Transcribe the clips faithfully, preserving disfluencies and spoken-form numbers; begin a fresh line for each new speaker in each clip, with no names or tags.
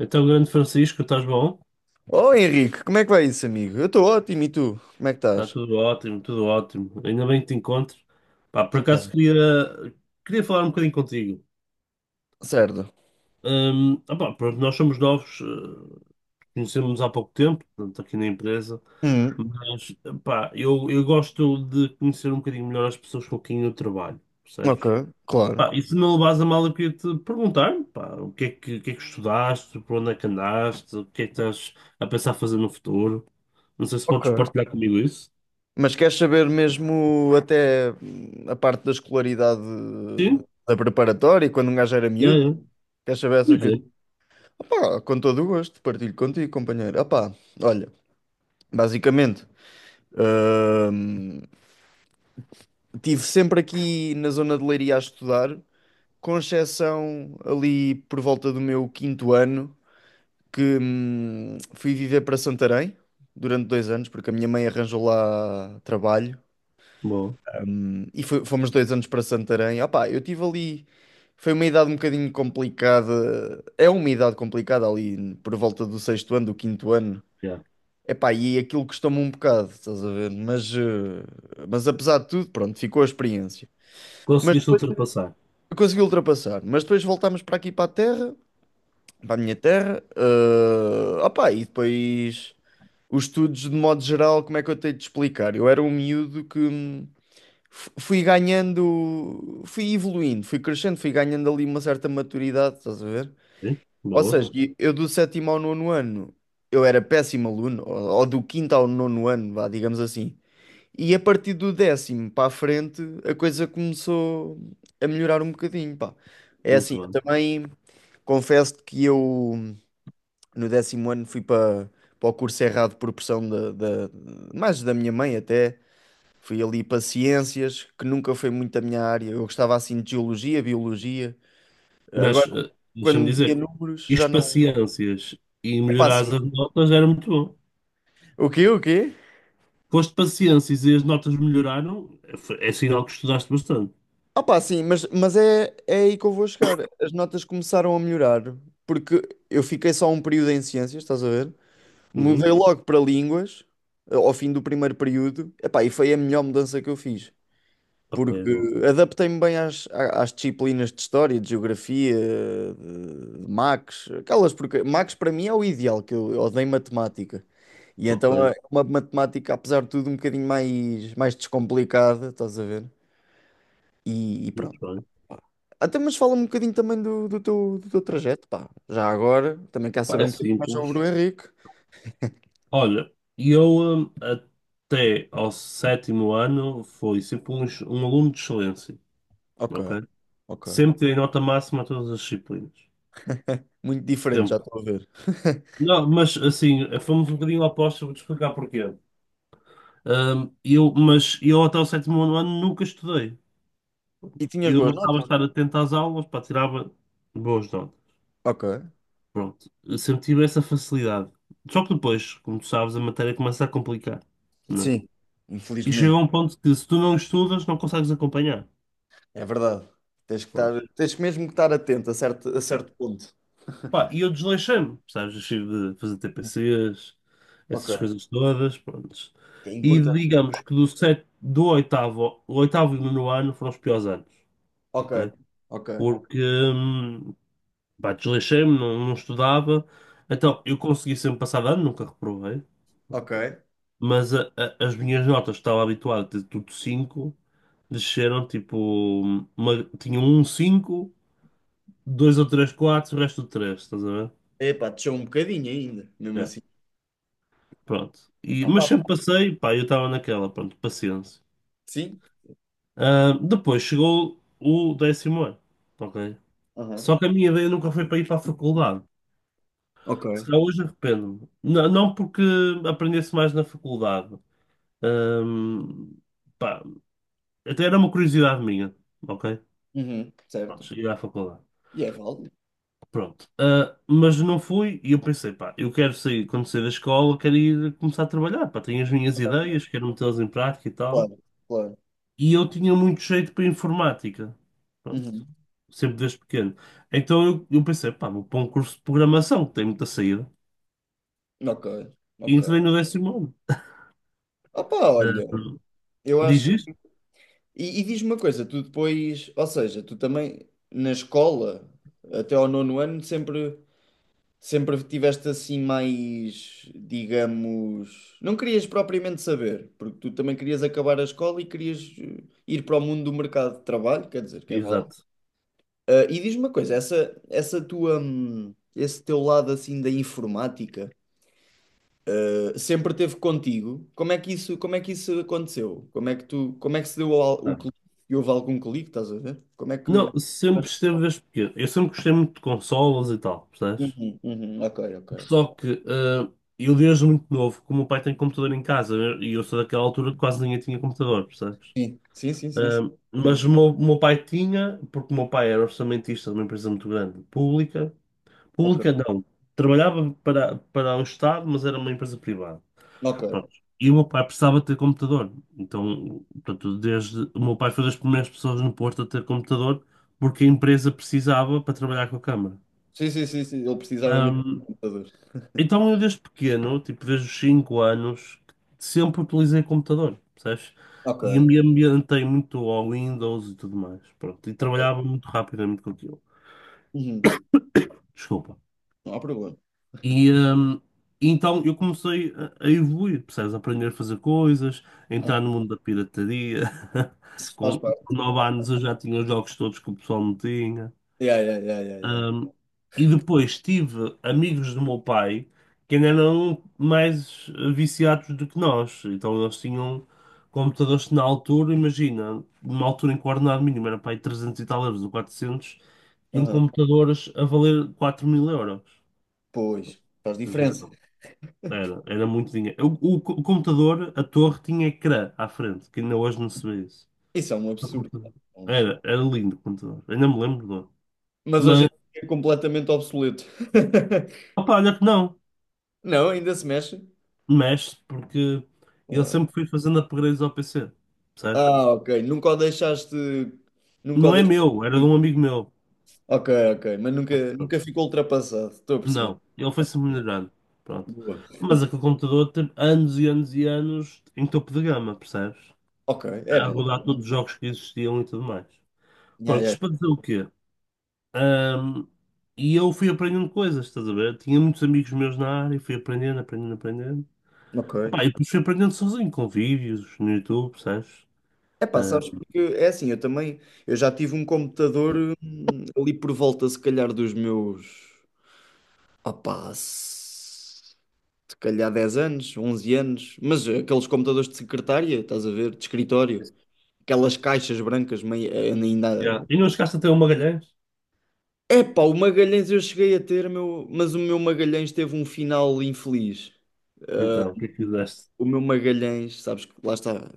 Então, grande Francisco, estás bom?
Oh Henrique, como é que vai isso, amigo? Eu estou ótimo, e tu? Como é que
Está
estás?
tudo ótimo, tudo ótimo. Ainda bem que te encontro. Pá, por acaso
Então,
queria, queria falar um bocadinho contigo.
certo.
Hum, opá, pronto, nós somos novos, eh, conhecemos-nos há pouco tempo, portanto, aqui na empresa,
Hum,
mas pá, eu, eu gosto de conhecer um bocadinho melhor as pessoas com quem eu trabalho,
ok,
percebes?
claro.
Pá, e se não levas a mal, eu queria te perguntar, pá, o que é que, o que é que estudaste, por onde é que andaste, o que é que estás a pensar fazer no futuro? Não sei se
Ok.
podes partilhar comigo isso.
Mas queres saber mesmo até hum, a parte da escolaridade
Sim.
da preparatória, quando um gajo era
Já,
miúdo?
já.
Queres saber essas
Pois
coisas?
é.
Opá, com todo o gosto, partilho contigo, companheiro. Opá, olha, basicamente, hum, tive sempre aqui na zona de Leiria a estudar, com exceção ali por volta do meu quinto ano, que hum, fui viver para Santarém durante dois anos, porque a minha mãe arranjou lá trabalho,
Boa.
hum, e fo- fomos dois anos para Santarém. Opá, eu tive ali, foi uma idade um bocadinho complicada, é uma idade complicada ali por volta do sexto ano, do quinto ano.
Já.
Epá, e aquilo custou-me um bocado, estás a ver? Mas, eh, mas apesar de tudo, pronto, ficou a experiência. Mas
Conseguiste ultrapassar.
consegui ultrapassar. Mas depois voltámos para aqui para a terra, para a minha terra. Ah opa, e depois os estudos, de modo geral, como é que eu tenho de explicar? Eu era um miúdo que hum, f- fui ganhando, fui evoluindo, fui crescendo, fui ganhando ali uma certa maturidade, estás a ver?
Né?
Ou
Boa.
seja, e eu do sétimo ao nono ano eu era péssimo aluno, ou, ou do quinto ao nono ano, vá, digamos assim. E a partir do décimo para a frente a coisa começou a melhorar um bocadinho, pá. É
Muito
assim, eu
bem.
também confesso que eu no décimo ano fui para, para o curso errado por pressão da, da- mais da minha mãe até. Fui ali para ciências, que nunca foi muito a minha área. Eu gostava assim de geologia, biologia. Agora,
Mas, eh,
quando
deixa-me
metia
dizer,
números, já
isto
não.
paciências e
Epá, assim.
melhorares as notas era muito bom.
O quê? O quê?
Foste paciências e as notas melhoraram, é, foi- é sinal que estudaste bastante.
Ah, pá, sim, mas, mas é, é aí que eu vou chegar. As notas começaram a melhorar, porque eu fiquei só um período em ciências, estás a ver? Mudei
Uhum.
logo para línguas, eh, ao fim do primeiro período. Epá, e foi a melhor mudança que eu fiz.
Ok,
Porque
bom.
adaptei-me bem às, à- às disciplinas de história, de geografia, de, de Max, aquelas porque Max para mim é o ideal, que eu, eu odeio matemática. E
Ok,
então é uma matemática, apesar de tudo, um bocadinho mais, mais descomplicada, estás a ver? E, e
muito
pronto.
bem.
Até mas fala-me um bocadinho também do, do teu, do teu trajeto, pá. Já agora, também quero
Pá,
saber
é
um bocadinho mais sobre
simples.
o Henrique.
Olha, eu hum, até ao sétimo ano fui sempre um, um aluno de excelência,
Ok,
ok?
ok.
Sempre tirei nota máxima a todas as disciplinas.
Muito diferente, já
Sempre.
estou a ver.
Não, mas assim, fomos um bocadinho opostos, vou-te explicar porquê. Ahm, eu, mas eu até o sétimo ano nunca estudei.
E tinhas
Eu
boas
bastava
notas?
estar atento às aulas, pá, tirava boas notas.
Ok.
Pronto, eu sempre tive essa facilidade. Só que depois, como tu sabes, a matéria começa a complicar, né?
Sim.
E chega a
Infelizmente.
um ponto que se tu não estudas, não consegues acompanhar.
É verdade. Tens que estar,
Pronto.
tens mesmo que estar atento a certo, a certo ponto.
Pá, e eu desleixei-me, sabes? Deixei de fazer T P Cs, essas
Ok.
coisas todas, prontos.
Que é
E
importante.
digamos que do, set, do oitavo, o oitavo e o nono ano foram os piores anos,
Ok.
ok?
Ok.
Porque, hum, pá, desleixei-me, não, não estudava. Então, eu consegui sempre passar de ano, nunca reprovei.
Ok.
Mas a- a- as minhas notas, que estava habituado a ter tudo cinco, desceram tipo, uma, tinha um cinco, dois ou três quatro, o resto do três, estás a ver?
Epá, deixou um bocadinho ainda, mesmo
Yeah.
assim.
Pronto. E,
Ah,
mas
pá, pá.
sempre passei, pá, eu estava naquela, pronto, paciência.
Sim?
Ah, depois chegou o décimo ano, ok?
Aham.
Só que a minha ideia nunca foi para ir para a faculdade. Se
Ok.
calhar hoje arrependo-me. Não, não porque aprendesse mais na faculdade. Ahm, pá, até era uma curiosidade minha, ok?
Uhum. Certo.
Pronto, cheguei à faculdade.
E é válido.
Pronto. Ah, mas não fui e eu pensei, pá, eu quero sair, quando sair da escola, quero ir começar a trabalhar, pá, tenho as minhas ideias, quero metê-las em prática e tal.
Claro, claro.
E eu tinha muito jeito para informática. Pronto.
Uhum.
Sempre desde pequeno. Então eu, eu pensei, pá, vou para um curso de programação, que tem muita saída.
Ok,
E entrei
ok.
no décimo ano.
Ah, pá,
Ah,
olha, eu
diz
acho.
isto?
E, e diz-me uma coisa, tu depois, ou seja, tu também na escola, até ao nono ano, sempre. Sempre tiveste assim mais, digamos, não querias propriamente saber, porque tu também querias acabar a escola e querias eh, ir para o mundo do mercado de trabalho, quer dizer, que é válido.
Exato.
Ah, e diz-me uma coisa, essa, essa tua, hum, esse teu lado assim da informática, eh, sempre teve contigo? Como é que isso, como é que isso aconteceu? Como é que tu, como é que se deu ao- o
Ah.
clique? E houve algum clique, estás a ver? Como é que...
Não, sempre esteve desde pequeno. Eu sempre gostei muito de consolas e tal, percebes?
Uhum, uhum, ok, ok, ok.
Só que ah, eu desde muito novo, como o meu pai tem computador em casa, né? E eu sou daquela altura que quase ninguém tinha computador, percebes?
Sim, sim, sim, sim, sim.
Ah,
Exatamente.
mas o meu, o meu pai tinha, porque o meu pai era orçamentista de uma empresa muito grande, pública.
Ok,
Pública não. Trabalhava para, para o Estado, mas era uma empresa privada.
ok.
Pronto. E o meu pai precisava ter computador. Então, portanto, desde o meu pai foi das primeiras pessoas no Porto a ter computador, porque a empresa precisava para trabalhar com a Câmara.
Sim, sim, sim, sim. Ele precisava mesmo de
Ahm,
computador.
então, eu desde pequeno, tipo desde os cinco anos, sempre utilizei computador, percebes? E
Ok,
me ambientei muito ao Windows e tudo mais. Pronto. E
ok.
trabalhava muito rapidamente com aquilo.
Uhum.
Desculpa.
Não há problema.
E, hum, e então eu comecei a, a evoluir, percebes? A aprender a fazer coisas, a entrar no
Aham.
mundo da pirataria.
Isso faz
Com,
parte.
com nove anos eu já tinha os jogos todos que o pessoal não tinha.
Yeah, yeah, yeah, yeah, yeah.
Hum, e depois tive amigos do meu pai que ainda eram mais viciados do que nós. Então eles tinham computadores que na altura, imagina, numa altura em que o ordenado mínimo era para aí trezentos e tal euros ou quatrocentos, tinham
Aham.
computadores a valer quatro mil euros.
Pois, faz
Tens
diferença.
noção? Era, era muito dinheiro. O, o o computador, a torre, tinha ecrã à frente, que ainda hoje não se vê isso.
Isso é um
O
absurdo.
computador.
É um absurdo.
Era, era lindo o computador. Ainda me lembro do.
Mas hoje em
Mas,
dia é completamente obsoleto.
opa, olha que não.
Não, ainda se mexe.
Mexe, porque ele
Claro.
sempre foi fazendo upgrades ao P C. Sabes?
Ah, ok. Nunca o deixaste. Nunca o
Não é
deixaste.
meu, era de
Ir.
um amigo meu.
Ok, ok. Mas nunca,
Mas pronto.
nunca ficou ultrapassado. Estou a perceber.
Não, ele
Ok,
foi-se melhorando. Pronto.
boa.
Mas aquele computador teve anos e anos e anos em topo de gama, percebes?
Ok,
A
era.
rodar todos os jogos que existiam e tudo mais.
Yeah,
Pronto,
yeah.
isto para dizer o quê? Ahm, e eu fui aprendendo coisas, estás a ver? Tinha muitos amigos meus na área, e fui aprendendo, aprendendo, aprendendo.
Ok.
Opá, e depois fui aprendendo sozinho, com vídeos no YouTube, percebes?
É pá, sabes,
Ahm,
porque é assim, eu também, eu já tive um computador hum, ali por volta, se calhar, dos meus, opá, se se calhar dez anos, onze anos, mas aqueles computadores de secretária, estás a ver, de escritório, aquelas caixas brancas, meio, eh,
yeah.
ainda...
E não chegaste a ter um Magalhães?
É pá, o Magalhães eu cheguei a ter, meu, mas o meu Magalhães teve um final infeliz.
Então, o que é que fizeste?
O meu Magalhães, sabes, que lá está...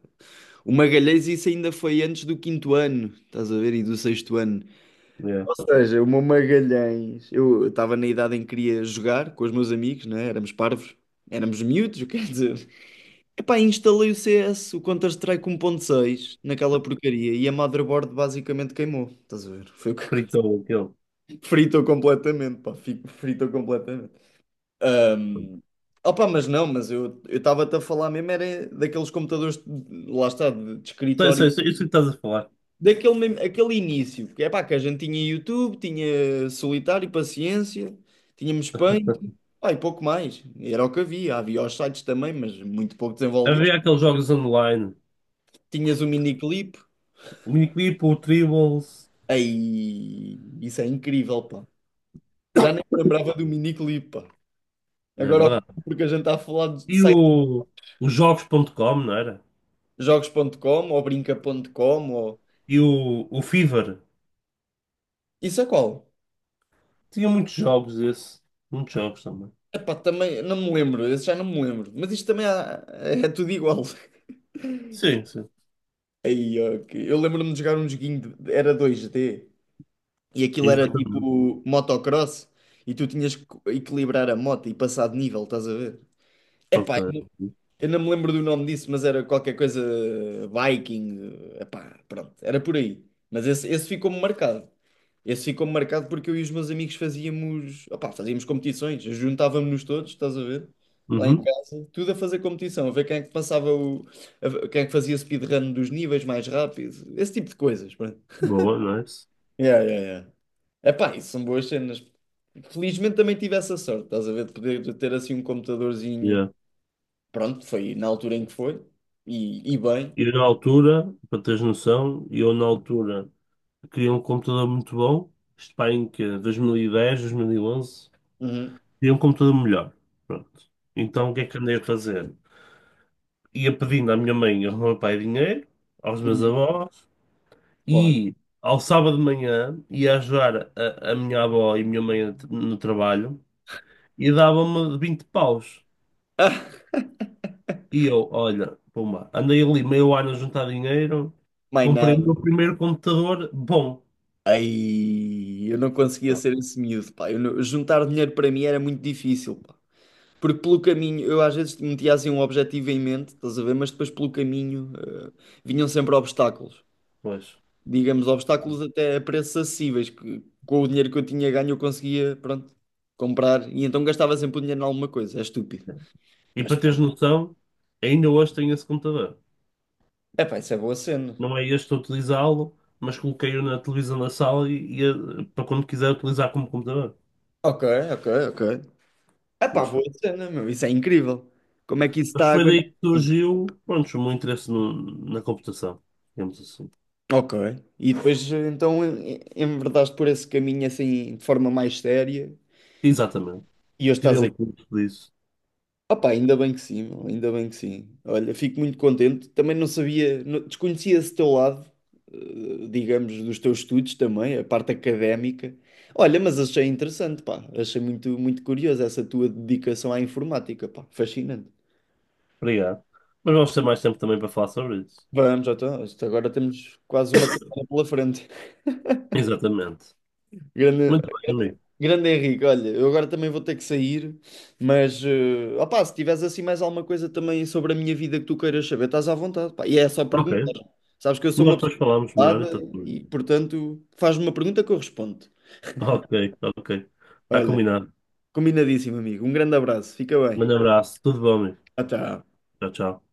O Magalhães, isso ainda foi antes do quinto ano, estás a ver, e do sexto ano.
Yeah.
Ou seja, o meu Magalhães, eu estava na idade em que queria jogar com os meus amigos, né? Éramos parvos, éramos miúdos, quer dizer. Epá, instalei o C S, o Counter-Strike um ponto seis naquela porcaria, e a motherboard basicamente queimou. Estás a ver? Foi o que aconteceu.
Fritou aquele.
Fritou completamente, pá, fi- fritou completamente. Ahm, Opa, mas não, mas eu eu estava-te a falar mesmo, era daqueles computadores, de- lá está, de, de
Sei,
escritório
sei, sei, isso que estás a falar.
daquele mesmo- aquele início, porque é pá, que a gente tinha YouTube, tinha Solitário, Paciência, tínhamos Paint, pá, e pouco mais. Era o que havia. Havia os sites também, mas muito pouco desenvolvidos.
Havia aqueles jogos online,
Tinhas o miniclip,
o Miniclip, o Tribbles,
aí isso é incrível, pá. Já nem me lembrava do miniclip, pá.
não é
Agora,
verdade?
porque a gente está a falar de
E
sites
o, o jogos ponto com não era?
jogos ponto com ou brinca ponto com ou...
E o, o Fever.
Isso é qual?
Tinha muitos jogos esse. Muitos jogos também.
Epá, também não me lembro, esse já não me lembro. Mas isto também há- é tudo igual.
Sim, sim.
Aí, ok. Eu lembro-me de jogar um joguinho, de- era dois d e aquilo era
Exatamente.
tipo motocross, e tu tinhas que equilibrar a moto e passar de nível, estás a ver?
Ok.
Epá, eu não eu não me lembro do nome disso, mas era qualquer coisa Viking, epá, pronto, era por aí. Mas esse, esse ficou-me marcado. Esse ficou marcado porque eu e os meus amigos fazíamos, opá, fazíamos competições, juntávamos-nos todos, estás a ver? Lá em
Uhum.
casa, tudo a fazer competição, a ver quem é que passava o, a- ver quem é que fazia speedrun dos níveis mais rápidos, esse tipo de coisas, pronto.
Boa, nice.
Yeah, yeah, yeah. Epá, isso são boas cenas. Felizmente também tive essa sorte, estás a ver, de poder de ter assim um computadorzinho.
Yeah.
Pronto, foi na altura em que foi, e, e bem.
E eu, na altura, para teres noção, eu na altura queria um computador muito bom, isto pá, em que dois mil e dez, dois mil e onze
Uhum,
queria um computador melhor. Pronto. Então o que é que andei a fazer? Ia pedindo à minha mãe e ao meu pai dinheiro, aos meus
uhum,
avós,
claro.
e ao sábado de manhã ia ajudar a, a minha avó e a minha mãe no trabalho e dava-me vinte paus.
Ah,
E eu, olha, pumba, andei ali meio ano a juntar dinheiro,
mais
comprei o
nada.
meu primeiro computador bom.
Ai, eu não conseguia
Pronto.
ser esse miúdo, pá. Eu não- juntar dinheiro para mim era muito difícil, pá. Porque pelo caminho, eu às vezes metia assim um objetivo em mente, estás a ver? Mas depois pelo caminho, eh, vinham sempre obstáculos.
Pois.
Digamos, obstáculos até a preços acessíveis, que com o dinheiro que eu tinha ganho eu conseguia, pronto, comprar. E então gastava sempre o dinheiro em alguma coisa, é estúpido.
E
Mas,
para teres
pronto.
noção, ainda hoje tenho esse computador.
Epá, isso é boa cena.
Não é este a utilizá-lo, mas coloquei-o na televisão da sala e, e, eh, para quando quiser utilizar como computador.
Ok, ok, ok. Epá,
Mas,
boa
foi-
cena, meu, isso é incrível. Como é que isso
mas
está a
foi daí
aguentar?
que surgiu, pronto, o meu interesse no- na computação, digamos assim.
Ok. E depois então em- enverdaste por esse caminho assim de forma mais séria
Exatamente.
e hoje
Tirei
estás
um
aí.
curso disso.
Opa, ainda bem que sim, meu, ainda bem que sim. Olha, fico muito contente. Também não sabia, não- desconhecia esse teu lado, eh, digamos, dos teus estudos também, a parte académica. Olha, mas achei interessante, pá. Achei muito, muito curioso essa tua dedicação à informática, pá. Fascinante.
Obrigado. Mas vamos ter mais tempo também para falar sobre isso.
Vamos, já então, isto agora temos quase uma carreira pela frente.
Exatamente.
Grande,
Muito bem, amigo.
Grande Henrique, olha, eu agora também vou ter que sair, mas eh, opá, se tiveres assim mais alguma coisa também sobre a minha vida que tu queiras saber, estás à vontade, pá. E é só perguntar.
Ok.
Sabes que eu sou
Nós
uma pessoa
depois falamos melhor,
ocupada
então. Tudo bem.
e, portanto, faz-me uma pergunta que eu respondo.
Ok, ok. Está
Olha,
combinado.
combinadíssimo, amigo. Um grande abraço, fica
Um grande
bem.
abraço. Tudo bom, amigo.
Até.
Tchau, tchau.